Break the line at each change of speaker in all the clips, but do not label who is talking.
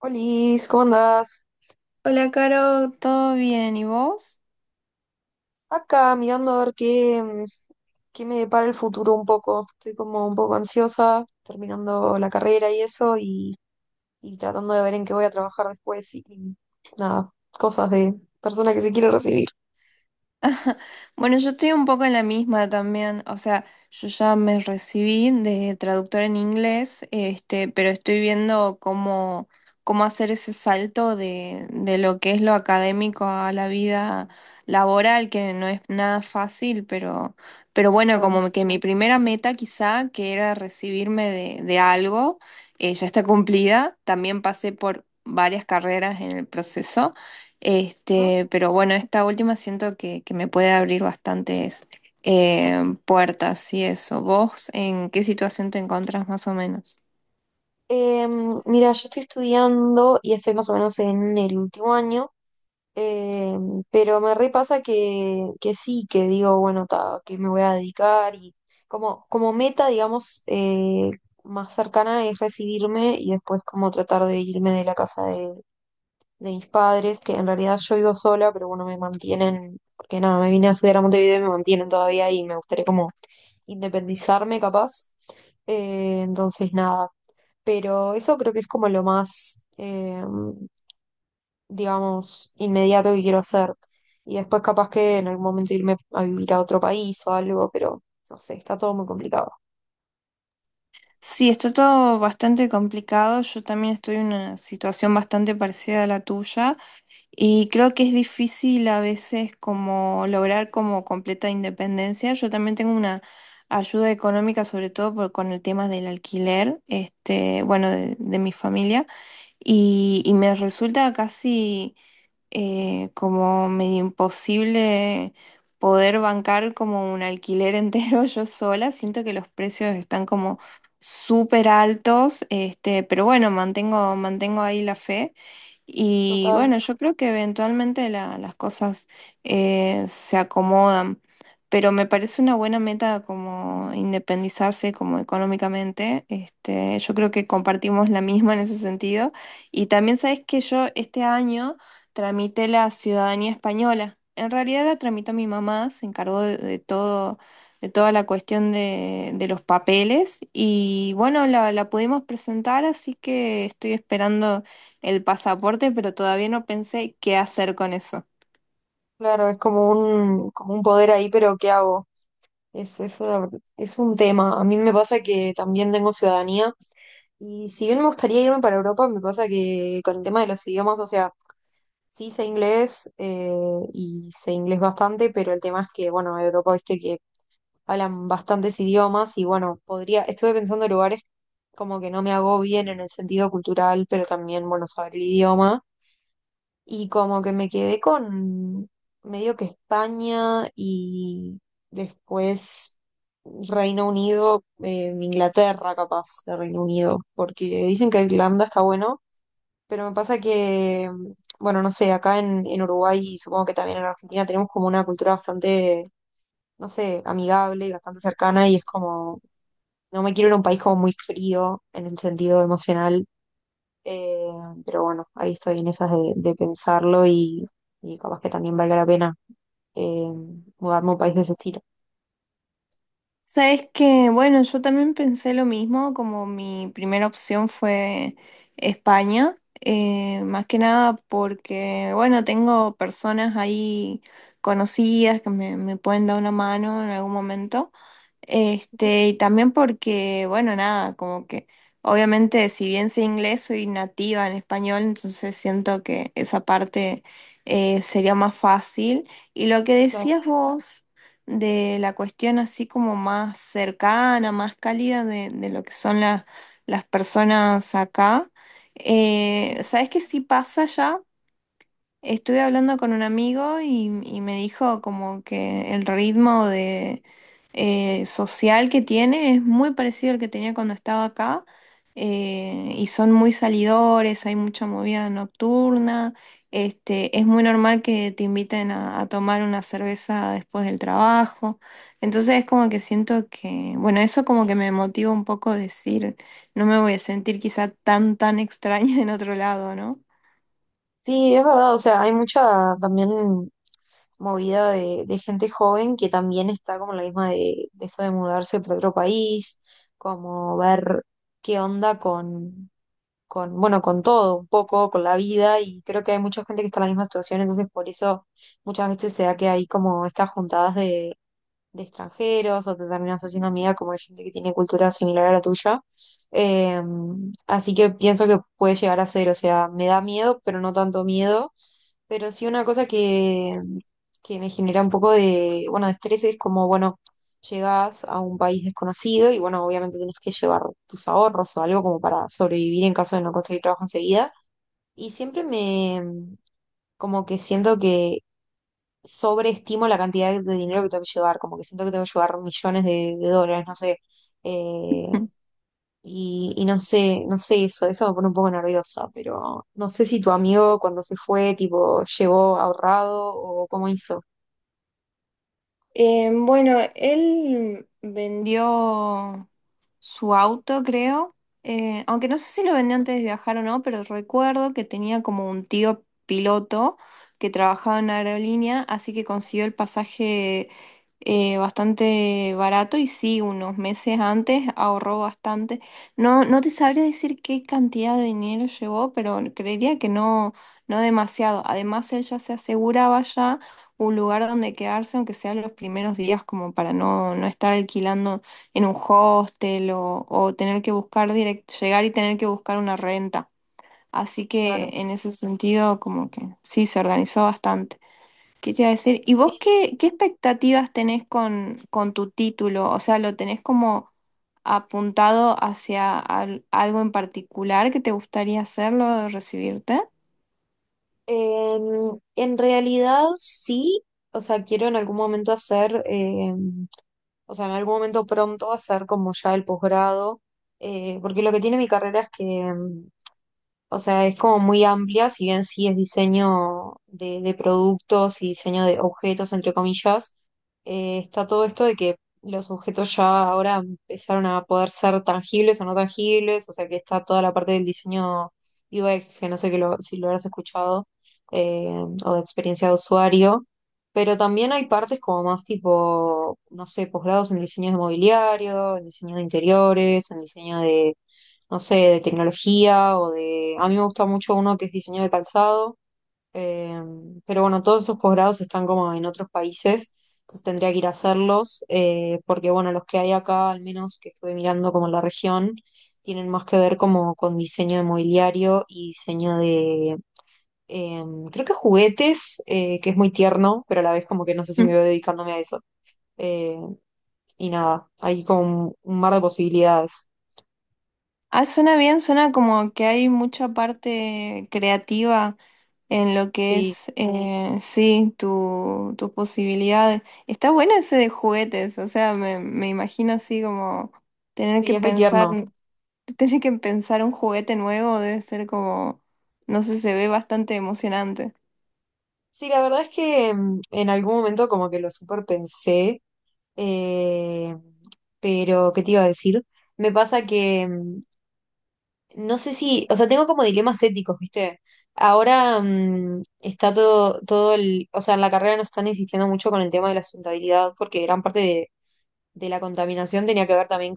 Olis, ¿cómo andás?
Hola, Caro, ¿todo bien? ¿Y vos?
Acá mirando a ver qué, qué me depara el futuro un poco. Estoy como un poco ansiosa, terminando la carrera y eso, y tratando de ver en qué voy a trabajar después y nada, cosas de persona que se quiere recibir.
Bueno, yo estoy un poco en la misma también, o sea, yo ya me recibí de traductora en inglés, pero estoy viendo cómo hacer ese salto de lo que es lo académico a la vida laboral, que no es nada fácil, pero bueno,
Total,
como que mi primera meta quizá, que era recibirme de algo, ya está cumplida, también pasé por varias carreras en el proceso.
¿no?
Pero bueno, esta última siento que me puede abrir bastantes puertas y eso. ¿Vos en qué situación te encontrás más o menos?
Mira, yo estoy estudiando y estoy más o menos en el último año. Eh, pero me repasa que sí, que digo, bueno, ta, que me voy a dedicar y como, como meta, digamos, más cercana es recibirme y después como tratar de irme de la casa de mis padres, que en realidad yo vivo sola, pero bueno, me mantienen, porque nada, me vine a estudiar a Montevideo y me mantienen todavía y me gustaría como independizarme capaz. Entonces, nada, pero eso creo que es como lo más... em, digamos, inmediato que quiero hacer. Y después capaz que en algún momento irme a vivir a otro país o algo, pero no sé, está todo muy complicado.
Sí, está todo bastante complicado. Yo también estoy en una situación bastante parecida a la tuya. Y creo que es difícil a veces como lograr como completa independencia. Yo también tengo una ayuda económica, sobre todo con el tema del alquiler, este, bueno, de mi familia, y me resulta casi como medio imposible poder bancar como un alquiler entero yo sola. Siento que los precios están como súper altos, este, pero bueno, mantengo ahí la fe. Y
Total,
bueno, yo creo que eventualmente las cosas se acomodan, pero me parece una buena meta como independizarse como económicamente. Este, yo creo que compartimos la misma en ese sentido. Y también sabes que yo este año tramite la ciudadanía española. En realidad la tramitó mi mamá, se encargó de todo, de toda la cuestión de los papeles y bueno, la pudimos presentar, así que estoy esperando el pasaporte, pero todavía no pensé qué hacer con eso.
claro, es como un poder ahí, pero ¿qué hago? Es, es una- es un tema. A mí me pasa que también tengo ciudadanía y si bien me gustaría irme para Europa, me pasa que con el tema de los idiomas, o sea, sí sé inglés y sé inglés bastante, pero el tema es que, bueno, Europa, viste que hablan bastantes idiomas y bueno, podría, estuve pensando en lugares como que no me hago bien en el sentido cultural, pero también, bueno, saber el idioma y como que me quedé con medio que España y después Reino Unido, Inglaterra capaz de Reino Unido, porque dicen que Irlanda está bueno pero me pasa que, bueno, no sé, acá en Uruguay y supongo que también en Argentina tenemos como una cultura bastante, no sé, amigable y bastante cercana y es como, no me quiero ir a un país como muy frío en el sentido emocional, eh, pero bueno, ahí estoy en esas de pensarlo y capaz que también valga la pena eh, mudarme a un país de ese estilo.
Sabes que, bueno, yo también pensé lo mismo, como mi primera opción fue España, más que nada porque, bueno, tengo personas ahí conocidas que me pueden dar una mano en algún momento.
Ujú,
Este, y también porque, bueno, nada, como que obviamente si bien sé inglés, soy nativa en español, entonces siento que esa parte sería más fácil. Y lo que
claro.
decías vos de la cuestión así como más cercana, más cálida de lo que son las personas acá. ¿Sabes qué sí pasa ya? Estuve hablando con un amigo y me dijo como que el ritmo de social que tiene es muy parecido al que tenía cuando estaba acá y son muy salidores, hay mucha movida nocturna, este, es muy normal que te inviten a tomar una cerveza después del trabajo, entonces es como que siento que, bueno, eso como que me motiva un poco a decir, no me voy a sentir quizá tan extraña en otro lado, ¿no?
Sí, es verdad, o sea, hay mucha también movida de gente joven que también está como la misma de esto de mudarse para otro país, como ver qué onda con, bueno, con todo, un poco, con la vida, y creo que hay mucha gente que está en la misma situación, entonces por eso muchas veces se da que hay como estas juntadas de extranjeros o te terminas haciendo amiga como de gente que tiene cultura similar a la tuya. Eh, así que pienso que puede llegar a ser, o sea, me da miedo, pero no tanto miedo pero sí una cosa que me genera un poco de, bueno, de estrés es como, bueno, llegás a un país desconocido y bueno, obviamente tenés que llevar tus ahorros o algo como para sobrevivir en caso de no conseguir trabajo enseguida. Y siempre me, como que siento que sobreestimo la cantidad de dinero que tengo que llevar, como que siento que tengo que llevar millones de dólares, no sé, eh, y no sé, no sé eso, eso me pone un poco nerviosa, pero no sé si tu amigo cuando se fue, tipo, llegó ahorrado o cómo hizo.
Bueno, él vendió su auto, creo. Aunque no sé si lo vendió antes de viajar o no, pero recuerdo que tenía como un tío piloto que trabajaba en aerolínea, así que consiguió el pasaje bastante barato y sí, unos meses antes ahorró bastante. No te sabría decir qué cantidad de dinero llevó, pero creería que no demasiado. Además, él ya se aseguraba ya un lugar donde quedarse, aunque sean los primeros días, como para no estar alquilando en un hostel o tener que buscar llegar y tener que buscar una renta. Así que
Claro.
en ese sentido, como que sí, se organizó bastante. ¿Qué te iba a decir? ¿Y
Sí.
vos qué expectativas tenés con tu título? O sea, ¿lo tenés como apuntado hacia algo en particular que te gustaría hacerlo, recibirte?
En realidad sí, o sea, quiero en algún momento hacer, o sea, en algún momento pronto hacer como ya el posgrado, porque lo que tiene mi carrera es que o sea, es como muy amplia, si bien sí es diseño de productos y diseño de objetos, entre comillas, está todo esto de que los objetos ya ahora empezaron a poder ser tangibles o no tangibles, o sea que está toda la parte del diseño UX, que no sé si lo habrás escuchado, eh, o de experiencia de usuario, pero también hay partes como más tipo, no sé, posgrados en diseño de mobiliario, en diseño de interiores, en diseño de no sé, de tecnología o de... A mí me gusta mucho uno que es diseño de calzado, eh, pero bueno, todos esos posgrados están como en otros países, entonces tendría que ir a hacerlos, porque bueno, los que hay acá, al menos que estuve mirando como en la región, tienen más que ver como con diseño de mobiliario y diseño de... eh, creo que juguetes, que es muy tierno, pero a la vez como que no sé si me veo dedicándome a eso. Eh, y nada, hay como un mar de posibilidades.
Ah, suena bien, suena como que hay mucha parte creativa en lo que
Sí,
es, sí, tus posibilidades. Está bueno ese de juguetes, o sea, me imagino así como tener
sí,
que
es muy
pensar,
tierno.
tener que pensar un juguete nuevo debe ser como, no sé, se ve bastante emocionante.
Sí, la verdad es que en algún momento como que lo super pensé, eh, pero ¿qué te iba a decir? Me pasa que no sé si, o sea, tengo como dilemas éticos, ¿viste? Ahora está todo, todo el, o sea, en la carrera nos están insistiendo mucho con el tema de la sustentabilidad porque gran parte de la contaminación tenía que ver también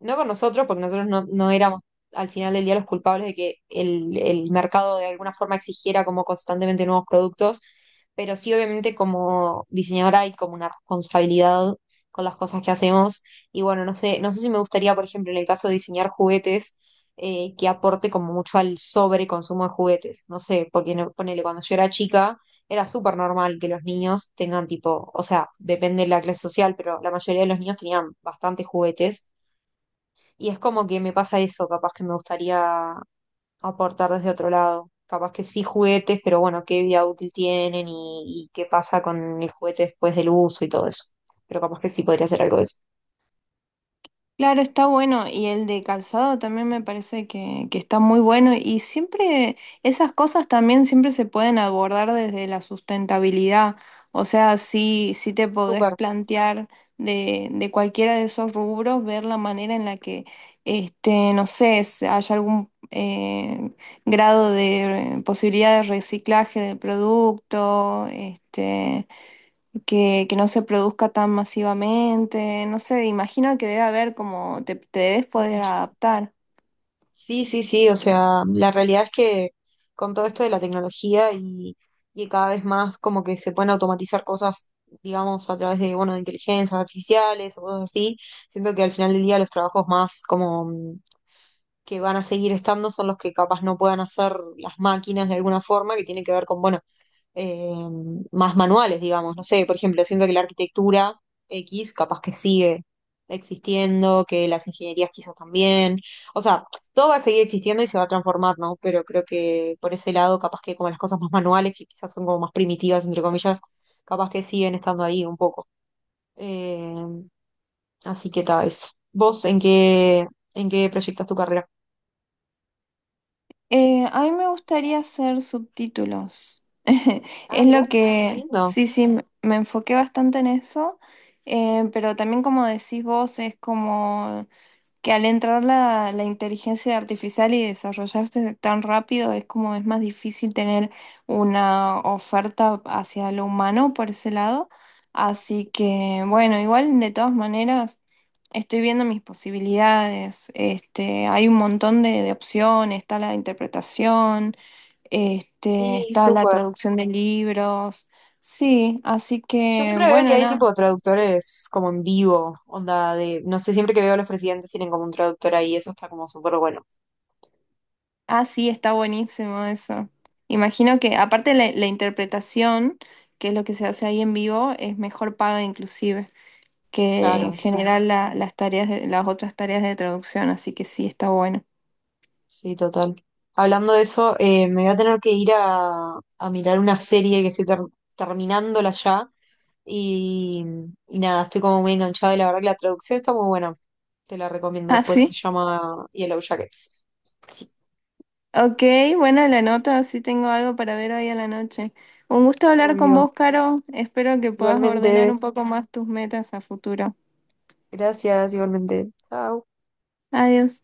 no con nosotros, porque nosotros no, no éramos al final del día los culpables de que el mercado de alguna forma exigiera como constantemente nuevos productos, pero sí obviamente como diseñadora hay como una responsabilidad con las cosas que hacemos. Y bueno, no sé, no sé si me gustaría, por ejemplo, en el caso de diseñar juguetes, que aporte como mucho al sobreconsumo de juguetes. No sé, porque ponele, cuando yo era chica era súper normal que los niños tengan tipo, o sea, depende de la clase social, pero la mayoría de los niños tenían bastantes juguetes y es como que me pasa eso, capaz que me gustaría aportar desde otro lado. Capaz que sí juguetes, pero bueno, qué vida útil tienen y qué pasa con el juguete después del uso y todo eso. Pero capaz que sí podría hacer algo de eso.
Claro, está bueno y el de calzado también me parece que está muy bueno y siempre esas cosas también siempre se pueden abordar desde la sustentabilidad, o sea, sí, sí te podés
Súper,
plantear de cualquiera de esos rubros, ver la manera en la que, este, no sé, haya algún grado de posibilidad de reciclaje del producto, este que no se produzca tan masivamente, no sé, imagino que debe haber como te debes poder
mucho.
adaptar.
Sí, sí, sí, o sea, la realidad es que con todo esto de la tecnología y cada vez más como que se pueden automatizar cosas, digamos, a través de, bueno, de inteligencias artificiales o cosas así, siento que al final del día los trabajos más como que van a seguir estando son los que capaz no puedan hacer las máquinas de alguna forma, que tiene que ver con, bueno, eh, más manuales, digamos. No sé, por ejemplo, siento que la arquitectura X capaz que sigue existiendo, que las ingenierías quizás también. O sea, todo va a seguir existiendo y se va a transformar, ¿no? Pero creo que por ese lado, capaz que como las cosas más manuales, que quizás son como más primitivas, entre comillas, capaz que siguen estando ahí un poco. Eh, así que tal vez. ¿Vos en qué proyectas tu carrera?
A mí me gustaría hacer subtítulos.
Ah,
Es
mira,
lo
qué
que,
lindo.
sí, sí, me enfoqué bastante en eso, pero también como decís vos, es como que al entrar la inteligencia artificial y desarrollarse tan rápido es como es más difícil tener una oferta hacia lo humano por ese lado. Así que bueno, igual de todas maneras estoy viendo mis posibilidades. Este, hay un montón de opciones, está la interpretación, este,
Sí,
está la
súper.
traducción de libros. Sí, así
Yo
que
siempre veo que
bueno,
hay
nada.
tipo traductores como en vivo, onda de, no sé, siempre que veo a los presidentes tienen como un traductor ahí, eso está como súper bueno.
Ah, sí, está buenísimo eso. Imagino que aparte la interpretación, que es lo que se hace ahí en vivo, es mejor paga inclusive que en
Claro, sí,
general las tareas las otras tareas de traducción, así que sí, está bueno.
sí, total. Hablando de eso, me voy a tener que ir a mirar una serie que estoy terminándola ya y, y nada, estoy como muy enganchada y la verdad que la traducción está muy buena. Te la recomiendo
Ah,
después, se
sí.
llama Yellow Jackets. Sí,
Ok, buena la nota, sí tengo algo para ver hoy a la noche. Un gusto hablar con
obvio.
vos, Caro. Espero que puedas ordenar
Igualmente.
un poco más tus metas a futuro.
Gracias, igualmente. Chao.
Adiós.